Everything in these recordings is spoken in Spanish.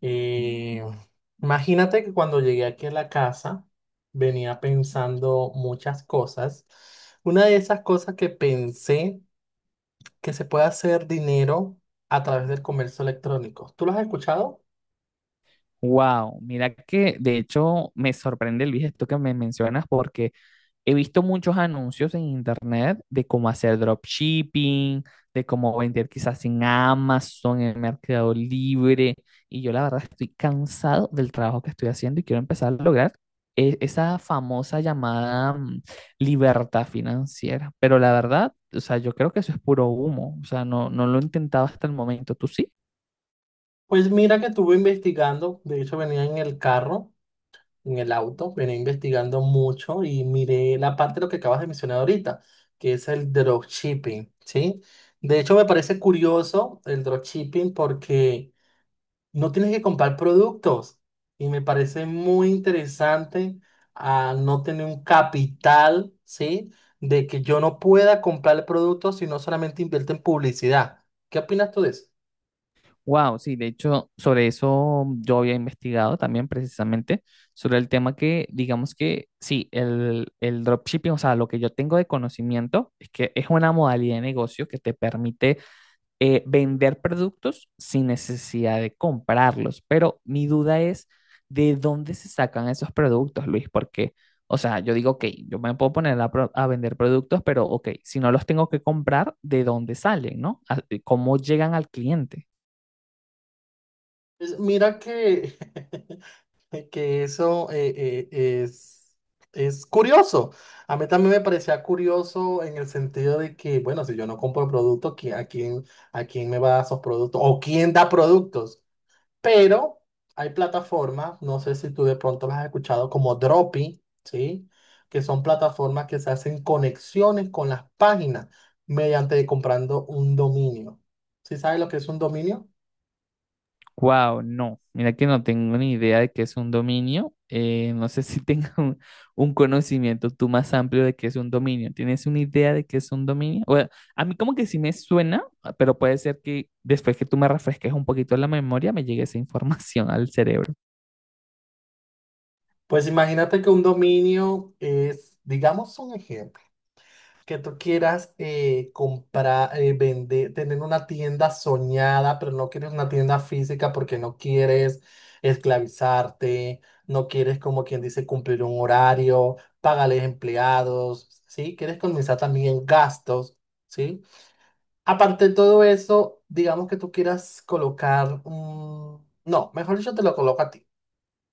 Y imagínate que cuando llegué aquí a la casa venía pensando muchas cosas. Una de esas cosas que pensé que se puede hacer dinero a través del comercio electrónico. ¿Tú lo has escuchado? Wow, mira que de hecho me sorprende, Luis, esto que me mencionas porque he visto muchos anuncios en internet de cómo hacer dropshipping, de cómo vender quizás en Amazon, en Mercado Libre, y yo la verdad estoy cansado del trabajo que estoy haciendo y quiero empezar a lograr esa famosa llamada, libertad financiera, pero la verdad, o sea, yo creo que eso es puro humo, o sea, no, no lo he intentado hasta el momento, ¿tú sí? Pues mira que estuve investigando, de hecho venía en el carro, en el auto, venía investigando mucho y miré la parte de lo que acabas de mencionar ahorita, que es el dropshipping, ¿sí? De hecho me parece curioso el dropshipping porque no tienes que comprar productos. Y me parece muy interesante a no tener un capital, ¿sí? De que yo no pueda comprar el producto, sino solamente invierto en publicidad. ¿Qué opinas tú de eso? Wow, sí, de hecho, sobre eso yo había investigado también precisamente, sobre el tema que, digamos que, sí, el dropshipping, o sea, lo que yo tengo de conocimiento es que es una modalidad de negocio que te permite vender productos sin necesidad de comprarlos, pero mi duda es de dónde se sacan esos productos, Luis, porque, o sea, yo digo, ok, yo me puedo poner a, a vender productos, pero, ok, si no los tengo que comprar, ¿de dónde salen, no? ¿Cómo llegan al cliente? Pues mira que, que eso eh, es, es curioso. A mí también me parecía curioso en el sentido de que, bueno, si yo no compro productos, a quién me va a dar esos productos? ¿O quién da productos? Pero hay plataformas, no sé si tú de pronto las has escuchado, como Dropi, ¿sí? Que son plataformas que se hacen conexiones con las páginas mediante comprando un dominio. ¿Sí sabes lo que es un dominio? Wow, no, mira que no tengo ni idea de qué es un dominio. No sé si tengo un conocimiento tú más amplio de qué es un dominio. ¿Tienes una idea de qué es un dominio? Bueno, a mí como que sí me suena, ah, pero puede ser que después que tú me refresques un poquito la memoria me llegue esa información al cerebro. Pues imagínate que un dominio es, digamos un ejemplo, que tú quieras comprar, vender, tener una tienda soñada, pero no quieres una tienda física porque no quieres esclavizarte, no quieres, como quien dice, cumplir un horario, pagarles empleados, ¿sí? Quieres comenzar también gastos, ¿sí? Aparte de todo eso, digamos que tú quieras colocar un... No, mejor dicho, te lo coloco a ti.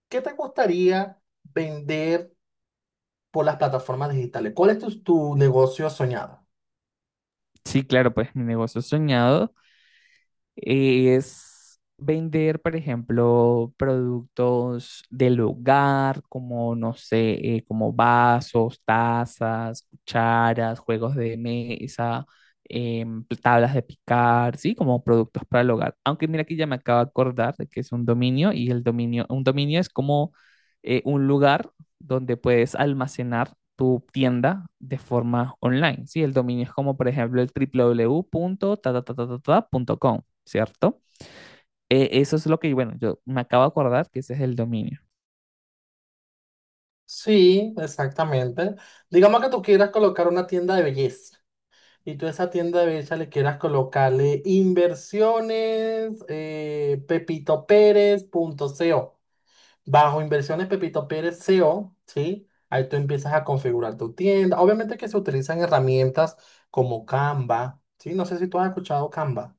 ¿Qué te gustaría vender por las plataformas digitales? ¿Cuál es tu negocio soñado? Sí, claro, pues mi negocio soñado Y es vender, por ejemplo, productos del hogar, como, no sé, como vasos, tazas, cucharas, juegos de mesa, pues, tablas de picar, ¿sí? Como productos para el hogar. Aunque mira que ya me acabo de acordar de que es un dominio, y el dominio, un dominio es como un lugar donde puedes almacenar tu tienda de forma online, ¿sí? El dominio es como, por ejemplo, el www.tatatatatata.com, ¿cierto? Eso es lo que, bueno, yo me acabo de acordar que ese es el dominio. Sí, exactamente. Digamos que tú quieras colocar una tienda de belleza y tú a esa tienda de belleza le quieras colocarle inversiones Pepito Pérez punto C. O. Bajo inversiones Pepito Pérez C. O, ¿sí? Ahí tú empiezas a configurar tu tienda. Obviamente que se utilizan herramientas como Canva, ¿sí? No sé si tú has escuchado Canva.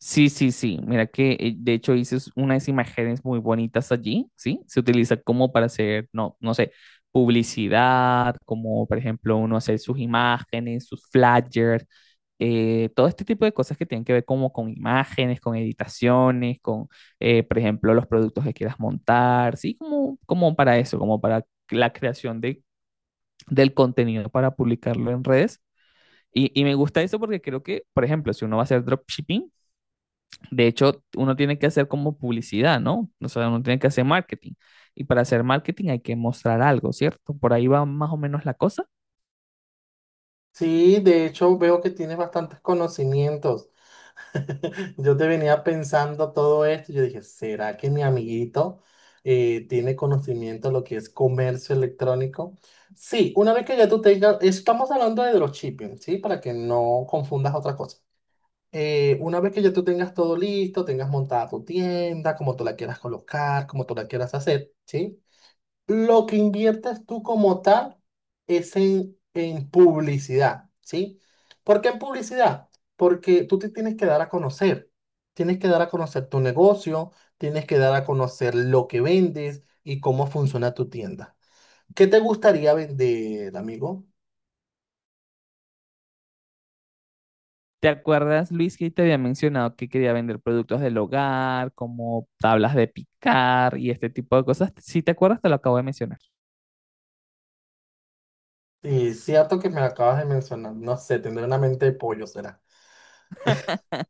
Sí, sí, sí. Mira que de hecho hice unas imágenes muy bonitas allí, ¿sí? Se utiliza como para hacer, no, no sé, publicidad, como por ejemplo uno hacer sus imágenes, sus flyers, todo este tipo de cosas que tienen que ver como con imágenes, con editaciones, con, por ejemplo, los productos que quieras montar, ¿sí? Como, como para eso, como para la creación de, del contenido para publicarlo en redes. Y me gusta eso porque creo que, por ejemplo, si uno va a hacer dropshipping, de hecho, uno tiene que hacer como publicidad, ¿no? O sea, uno tiene que hacer marketing. Y para hacer marketing hay que mostrar algo, ¿cierto? Por ahí va más o menos la cosa. Sí, de hecho veo que tienes bastantes conocimientos. Yo te venía pensando todo esto, yo dije, ¿será que mi amiguito tiene conocimiento de lo que es comercio electrónico? Sí, una vez que ya tú tengas, estamos hablando de dropshipping, ¿sí? Para que no confundas otra cosa. Una vez que ya tú tengas todo listo, tengas montada tu tienda, como tú la quieras colocar, como tú la quieras hacer, ¿sí? Lo que inviertes tú como tal es en publicidad, ¿sí? ¿Por qué en publicidad? Porque tú te tienes que dar a conocer. Tienes que dar a conocer tu negocio, tienes que dar a conocer lo que vendes y cómo funciona tu tienda. ¿Qué te gustaría vender, amigo? ¿Te acuerdas, Luis, que te había mencionado que quería vender productos del hogar, como tablas de picar y este tipo de cosas? Si te acuerdas, te lo acabo de mencionar. Es cierto que me lo acabas de mencionar, no sé, tendré una mente de pollo, será.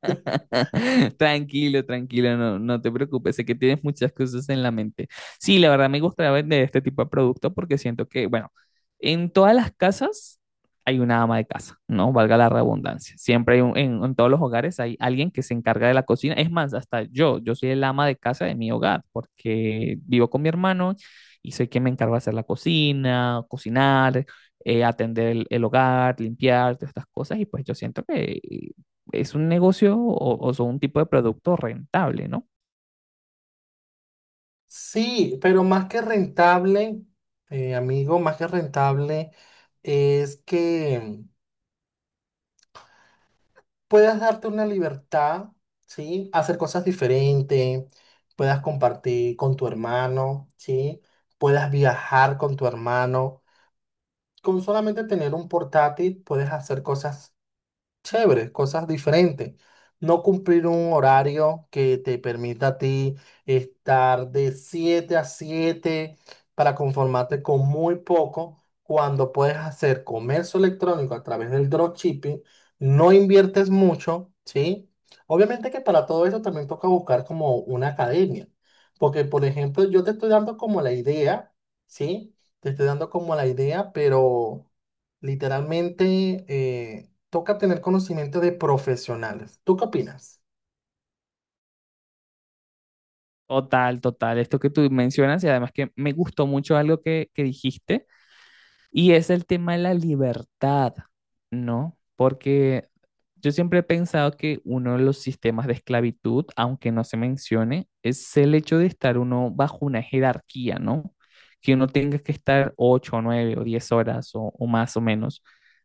Tranquilo, tranquilo, no, no te preocupes, sé que tienes muchas cosas en la mente. Sí, la verdad me gustaría vender este tipo de producto porque siento que, bueno, en todas las casas hay una ama de casa, ¿no? Valga la redundancia. Siempre hay en todos los hogares hay alguien que se encarga de la cocina. Es más, hasta yo, yo soy el ama de casa de mi hogar porque vivo con mi hermano y soy quien me encarga de hacer la cocina, cocinar, atender el hogar, limpiar, todas estas cosas, y pues yo siento que es un negocio o son un tipo de producto rentable, ¿no? Sí, pero más que rentable, amigo, más que rentable es que puedas darte una libertad, ¿sí? Hacer cosas diferentes, puedas compartir con tu hermano, ¿sí? Puedas viajar con tu hermano. Con solamente tener un portátil puedes hacer cosas chéveres, cosas diferentes. No cumplir un horario que te permita a ti estar de 7 a 7 para conformarte con muy poco cuando puedes hacer comercio electrónico a través del dropshipping, no inviertes mucho, ¿sí? Obviamente que para todo eso también toca buscar como una academia, porque por ejemplo yo te estoy dando como la idea, ¿sí? Te estoy dando como la idea, pero literalmente eh, toca tener conocimiento de profesionales. ¿Tú qué opinas? Total, total, esto que tú mencionas, y además que me gustó mucho algo que dijiste Y es el tema de la libertad, ¿no? Porque yo siempre he pensado que uno de los sistemas de esclavitud, aunque no se mencione, es el hecho de estar uno bajo una jerarquía, ¿no? Que uno tenga que estar ocho, nueve o diez horas o más o menos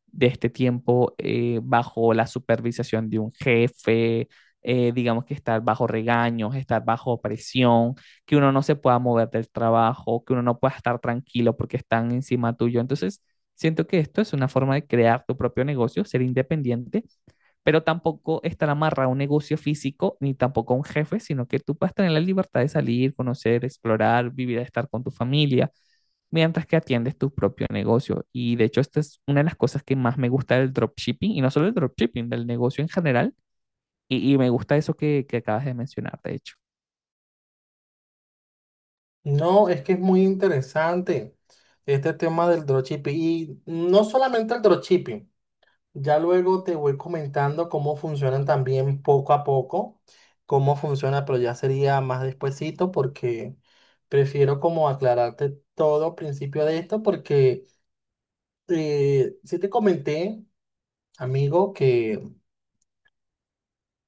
de este tiempo bajo la supervisación de un jefe, digamos que estar bajo regaños, estar bajo presión que uno no se pueda mover del trabajo, que uno no pueda estar tranquilo porque están encima tuyo. Entonces, siento que esto es una forma de crear tu propio negocio, ser independiente, pero tampoco estar amarrado a un negocio físico ni tampoco a un jefe, sino que tú puedes tener la libertad de salir, conocer, explorar, vivir, estar con tu familia, mientras que atiendes tu propio negocio. Y de hecho, esta es una de las cosas que más me gusta del dropshipping, y no solo del dropshipping, del negocio en general. Y me gusta eso que acabas de mencionar, de hecho. No, es que es muy interesante este tema del dropshipping y no solamente el dropshipping. Ya luego te voy comentando cómo funcionan también poco a poco, cómo funciona, pero ya sería más despuesito porque prefiero como aclararte todo al principio de esto porque si te comenté, amigo, que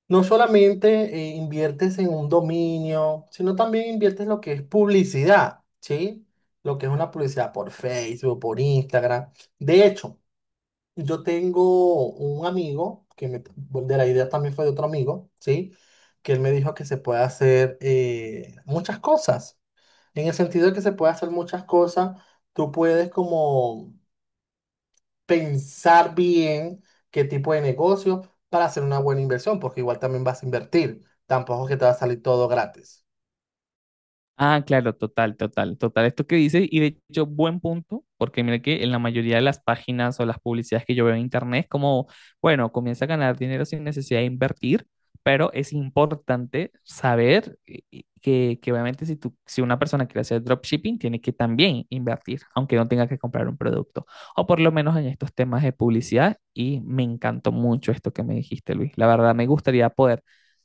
no solamente inviertes en un dominio, sino también inviertes lo que es publicidad, ¿sí? Lo que es una publicidad por Facebook, por Instagram. De hecho, yo tengo un amigo, que me, de la idea también fue de otro amigo, ¿sí? Que él me dijo que se puede hacer muchas cosas. En el sentido de que se puede hacer muchas cosas, tú puedes como pensar bien qué tipo de negocio para hacer una buena inversión, porque igual también vas a invertir. Tampoco es que te va a salir todo gratis. Ah, claro, total, total, total. Esto que dices, y de hecho, buen punto, porque mira que en la mayoría de las páginas o las publicidades que yo veo en internet es como, bueno, comienza a ganar dinero sin necesidad de invertir, pero es importante saber que obviamente si tú, si una persona quiere hacer dropshipping, tiene que también invertir, aunque no tenga que comprar un producto, o por lo menos en estos temas de publicidad, y me encantó mucho esto que me dijiste, Luis. La verdad, me gustaría poder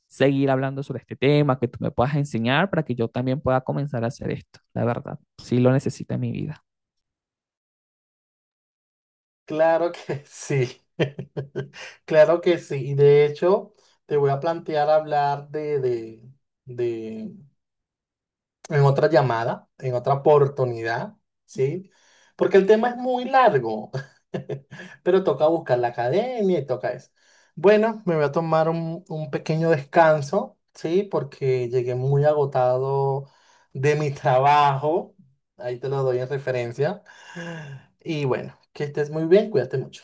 seguir hablando sobre este tema, que tú me puedas enseñar para que yo también pueda comenzar a hacer esto, la verdad. Sí lo necesito en mi vida. Claro que sí. Claro que sí. Y de hecho, te voy a plantear hablar de en otra llamada, en otra oportunidad, ¿sí? Porque el tema es muy largo, pero toca buscar la academia y toca eso. Bueno, me voy a tomar un pequeño descanso, ¿sí? Porque llegué muy agotado de mi trabajo, ahí te lo doy en referencia. Y bueno, que estés muy bien, cuídate mucho.